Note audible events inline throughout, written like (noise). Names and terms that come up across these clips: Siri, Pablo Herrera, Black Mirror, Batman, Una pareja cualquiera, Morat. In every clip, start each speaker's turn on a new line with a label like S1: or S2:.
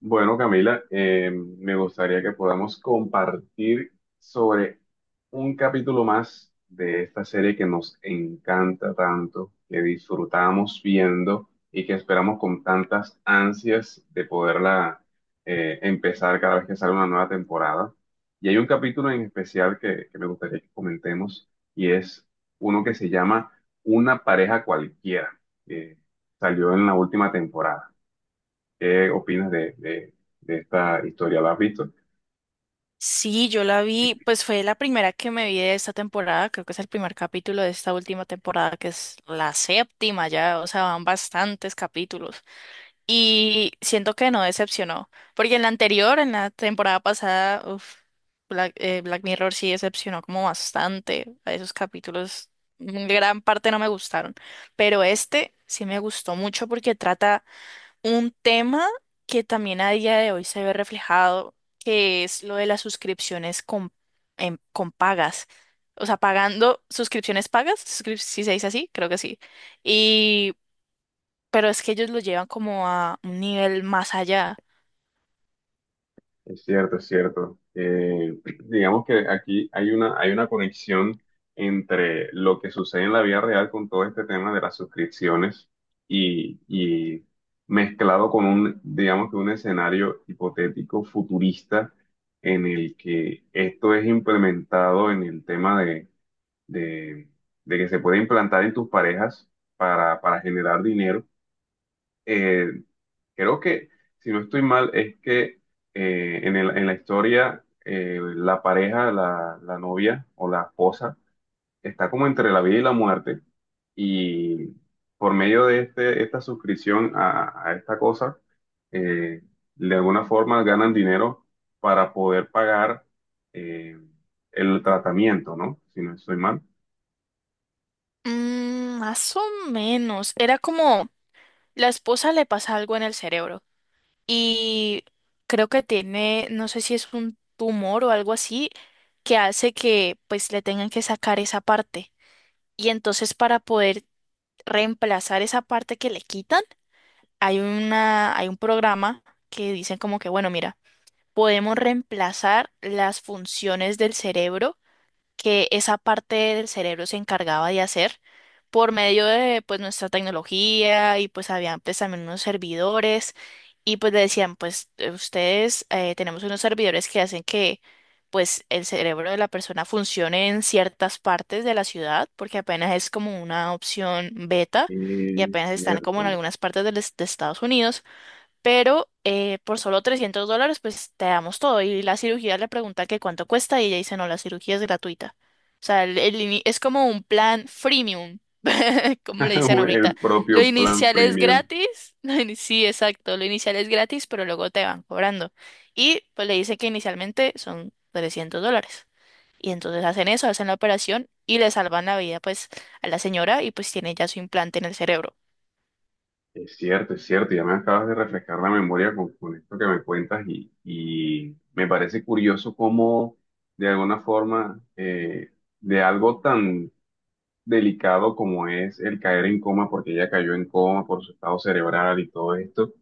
S1: Bueno, Camila, me gustaría que podamos compartir sobre un capítulo más de esta serie que nos encanta tanto, que disfrutamos viendo y que esperamos con tantas ansias de poderla empezar cada vez que sale una nueva temporada. Y hay un capítulo en especial que me gustaría que comentemos y es uno que se llama Una pareja cualquiera, que salió en la última temporada. ¿Qué opinas de esta historia? ¿La has visto?
S2: Sí, yo la vi, pues fue la primera que me vi de esta temporada, creo que es el primer capítulo de esta última temporada, que es la séptima ya, o sea, van bastantes capítulos. Y siento que no decepcionó, porque en la anterior, en la temporada pasada, uf, Black, Black Mirror sí decepcionó como bastante, a esos capítulos, gran parte no me gustaron, pero este sí me gustó mucho porque trata un tema que también a día de hoy se ve reflejado, que es lo de las suscripciones con, con pagas. O sea, pagando suscripciones pagas, si se dice así, creo que sí. Y, pero es que ellos lo llevan como a un nivel más allá.
S1: Es cierto, es cierto. (clears throat) Digamos que aquí hay hay una conexión entre lo que sucede en la vida real con todo este tema de las suscripciones y mezclado con digamos que un escenario hipotético futurista en el que esto es implementado en el tema de- de que se puede implantar en tus parejas para generar dinero. Eh, Creo que, si no estoy mal, es que en la historia la pareja, la novia o la esposa, está como entre la vida y la muerte. Y por medio esta suscripción a esta cosa, eh, de alguna forma ganan dinero para poder pagar eh, el tratamiento, ¿no? Si no estoy mal.
S2: Mm, más o menos. Era como la esposa le pasa algo en el cerebro y creo que tiene, no sé si es un tumor o algo así, que hace que pues le tengan que sacar esa parte. Y entonces para poder reemplazar esa parte que le quitan, hay un programa que dicen como que, bueno, mira, podemos reemplazar las funciones del cerebro que esa parte del cerebro se encargaba de hacer por medio de pues nuestra tecnología y pues habían pues también unos servidores y pues le decían pues ustedes tenemos unos servidores que hacen que pues el cerebro de la persona funcione en ciertas partes de la ciudad porque apenas es como una opción beta y
S1: Es
S2: apenas están como en
S1: cierto.
S2: algunas partes del de Estados Unidos pero por solo $300, pues te damos todo. Y la cirugía le pregunta que cuánto cuesta y ella dice, no, la cirugía es gratuita. O sea, es como un plan freemium, (laughs) como le dicen
S1: (laughs)
S2: ahorita.
S1: El
S2: Lo
S1: propio plan
S2: inicial es
S1: premium.
S2: gratis. (laughs) Sí, exacto. Lo inicial es gratis, pero luego te van cobrando. Y pues le dice que inicialmente son $300. Y entonces hacen eso, hacen la operación y le salvan la vida pues a la señora y pues tiene ya su implante en el cerebro.
S1: Es cierto, ya me acabas de refrescar la memoria con esto que me cuentas y me parece curioso cómo de alguna forma de algo tan delicado como es el caer en coma, porque ella cayó en coma por su estado cerebral y todo esto,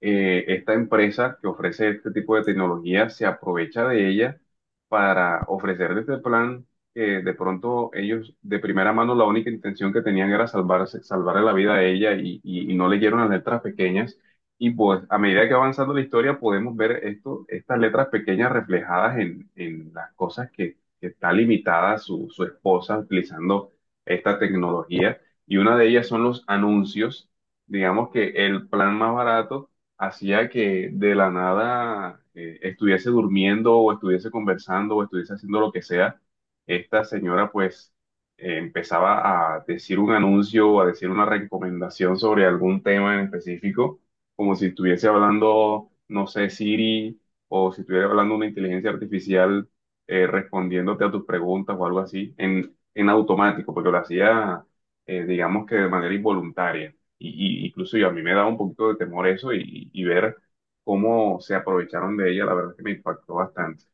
S1: esta empresa que ofrece este tipo de tecnología se aprovecha de ella para ofrecer este plan que de pronto ellos de primera mano la única intención que tenían era salvarse, salvarle la vida a ella y no leyeron las letras pequeñas. Y pues a medida que va avanzando la historia podemos ver esto, estas letras pequeñas reflejadas en las cosas que está limitada su esposa utilizando esta tecnología. Y una de ellas son los anuncios. Digamos que el plan más barato hacía que de la nada estuviese durmiendo o estuviese conversando o estuviese haciendo lo que sea, esta señora pues empezaba a decir un anuncio o a decir una recomendación sobre algún tema en específico, como si estuviese hablando, no sé, Siri o si estuviera hablando una inteligencia artificial respondiéndote a tus preguntas o algo así, en automático, porque lo hacía, digamos que de manera involuntaria. Y incluso yo, a mí me da un poquito de temor eso y ver cómo se aprovecharon de ella, la verdad es que me impactó bastante.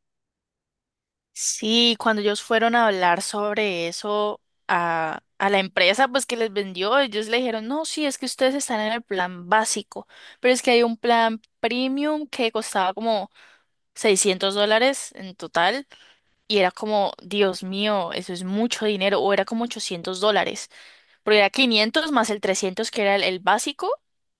S2: Sí, cuando ellos fueron a hablar sobre eso a la empresa, pues que les vendió, ellos le dijeron, no, sí, es que ustedes están en el plan básico, pero es que hay un plan premium que costaba como $600 en total y era como, Dios mío, eso es mucho dinero, o era como $800 porque era 500 más el 300 que era el básico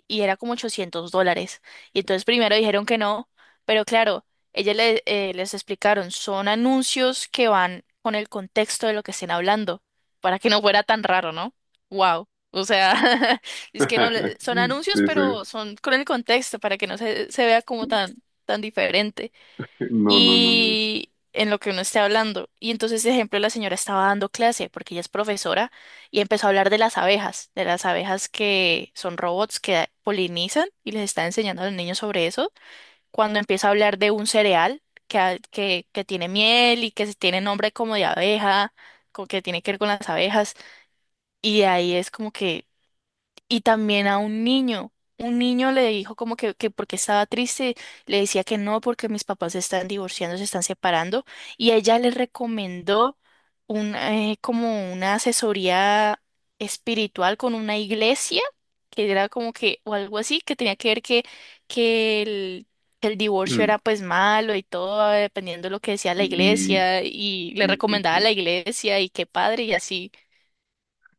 S2: y era como $800. Y entonces primero dijeron que no, pero claro, les explicaron, son anuncios que van con el contexto de lo que estén hablando, para que no fuera tan raro, ¿no? Wow. O sea, (laughs) es que no,
S1: (laughs)
S2: son anuncios,
S1: Sí, sí.
S2: pero son con el contexto, para que no se, se vea como tan, tan diferente
S1: No, no, no, no.
S2: y en lo que uno esté hablando. Y entonces, ejemplo, la señora estaba dando clase porque ella es profesora y empezó a hablar de las abejas que son robots que polinizan y les está enseñando a los niños sobre eso. Cuando empieza a hablar de un cereal que, que tiene miel y que se tiene nombre como de abeja, que tiene que ver con las abejas, y de ahí es como que y también a un niño. Un niño le dijo como que porque estaba triste, le decía que no, porque mis papás se están divorciando, se están separando, y ella le recomendó un, como una asesoría espiritual con una iglesia, que era como que, o algo así, que tenía que ver que, que el, que el divorcio era
S1: (clears throat)
S2: pues malo y todo, dependiendo de lo que decía la
S1: Y,
S2: iglesia, y le
S1: sí, sí,
S2: recomendaba a
S1: sí.
S2: la iglesia y qué padre, y así.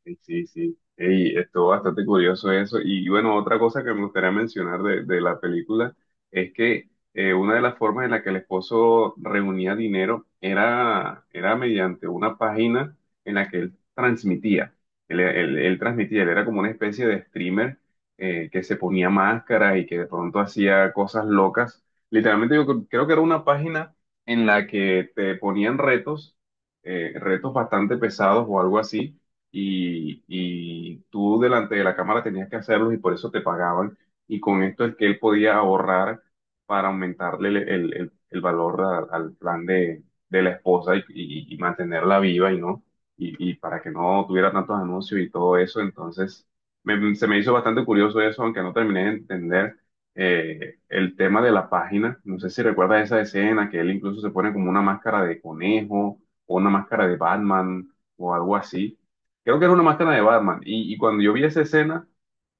S1: Sí, sí, sí. Ey, estuvo bastante curioso eso. Y bueno, otra cosa que me gustaría mencionar de la película es que una de las formas en la que el esposo reunía dinero era mediante una página en la que él transmitía. Él transmitía, él era como una especie de streamer que se ponía máscaras y que de pronto hacía cosas locas. Literalmente yo creo que era una página en la que te ponían retos, retos bastante pesados o algo así y tú delante de la cámara tenías que hacerlos y por eso te pagaban. Y con esto es que él podía ahorrar para aumentarle el valor al plan de la esposa y mantenerla viva y no, y para que no tuviera tantos anuncios y todo eso. Entonces, se me hizo bastante curioso eso, aunque no terminé de entender el tema de la página. No sé si recuerdas esa escena que él incluso se pone como una máscara de conejo o una máscara de Batman o algo así. Creo que era una máscara de Batman. Y cuando yo vi esa escena,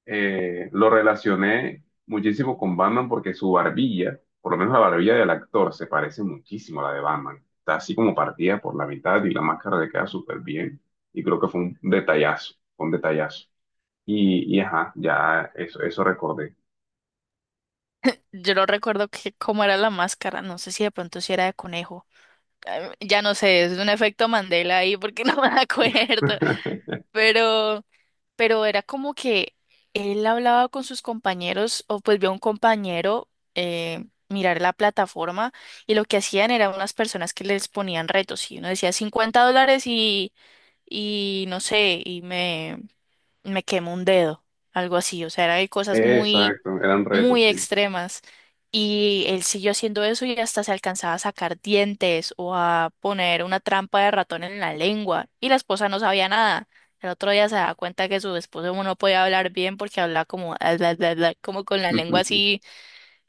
S1: lo relacioné muchísimo con Batman porque su barbilla, por lo menos la barbilla del actor, se parece muchísimo a la de Batman. Está así como partida por la mitad y la máscara le queda súper bien. Y creo que fue un detallazo, fue un detallazo. Y ajá, ya eso recordé.
S2: Yo no recuerdo que, cómo era la máscara, no sé si de pronto si era de conejo. Ya no sé, es un efecto Mandela ahí porque (laughs) no me acuerdo
S1: (laughs)
S2: pero, pero era como que él hablaba con sus compañeros o pues vio a un compañero mirar la plataforma y lo que hacían eran unas personas que les ponían retos y uno decía $50 y no sé, y me quemo un dedo, algo así, o sea, era de cosas muy,
S1: Exacto, eran retos,
S2: muy
S1: sí.
S2: extremas. Y él siguió haciendo eso y hasta se alcanzaba a sacar dientes o a poner una trampa de ratón en la lengua. Y la esposa no sabía nada. El otro día se da cuenta que su esposo no podía hablar bien porque hablaba como, "Ah, bla, bla, bla", como con la lengua
S1: (laughs)
S2: así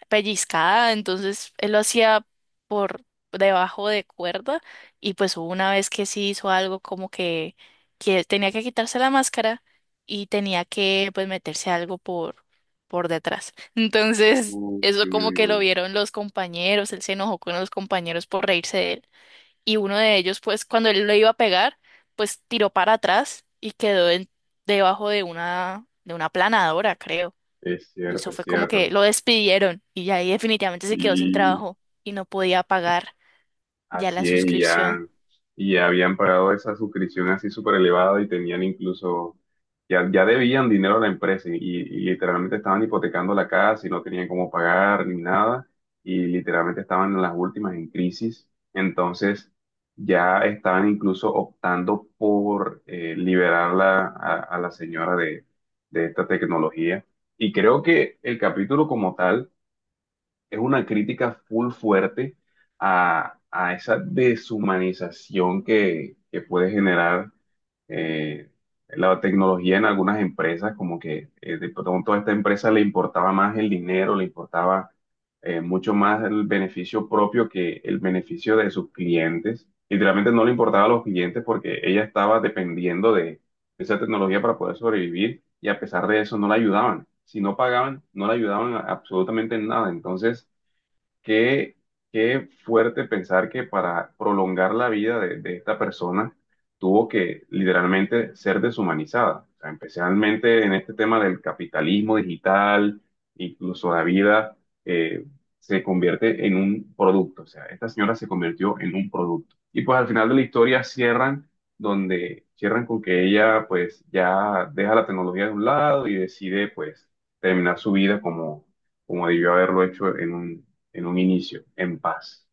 S2: pellizcada, entonces él lo hacía por debajo de cuerda y pues hubo una vez que sí hizo algo como que tenía que quitarse la máscara y tenía que pues meterse algo por detrás. Entonces
S1: Uy,
S2: eso
S1: uy,
S2: como
S1: uy,
S2: que
S1: uy.
S2: lo vieron los compañeros, él se enojó con los compañeros por reírse de él y uno de ellos, pues cuando él lo iba a pegar, pues tiró para atrás y quedó debajo de una planadora, creo.
S1: Es
S2: Y
S1: cierto,
S2: eso
S1: es
S2: fue como
S1: cierto.
S2: que lo despidieron y ya ahí definitivamente se quedó sin
S1: Sí.
S2: trabajo y no podía pagar ya la
S1: Así es,
S2: suscripción.
S1: y ya habían pagado esa suscripción así súper elevada y tenían incluso, ya, ya debían dinero a la empresa y literalmente estaban hipotecando la casa y no tenían cómo pagar ni nada y literalmente estaban en las últimas en crisis. Entonces ya estaban incluso optando por liberarla a la señora de esta tecnología. Y creo que el capítulo como tal es una crítica full fuerte a esa deshumanización que puede generar eh, la tecnología en algunas empresas, como que de pronto a esta empresa le importaba más el dinero, le importaba mucho más el beneficio propio que el beneficio de sus clientes. Literalmente no le importaba a los clientes porque ella estaba dependiendo de esa tecnología para poder sobrevivir y a pesar de eso no la ayudaban. Si no pagaban, no la ayudaban absolutamente en nada. Entonces, Qué, qué fuerte pensar que para prolongar la vida de esta persona tuvo que literalmente ser deshumanizada. O sea, especialmente en este tema del capitalismo digital, incluso la vida eh, se convierte en un producto. O sea, esta señora se convirtió en un producto. Y pues al final de la historia cierran donde cierran con que ella pues ya deja la tecnología de un lado y decide pues terminar su vida como, como debió haberlo hecho en un inicio, en paz.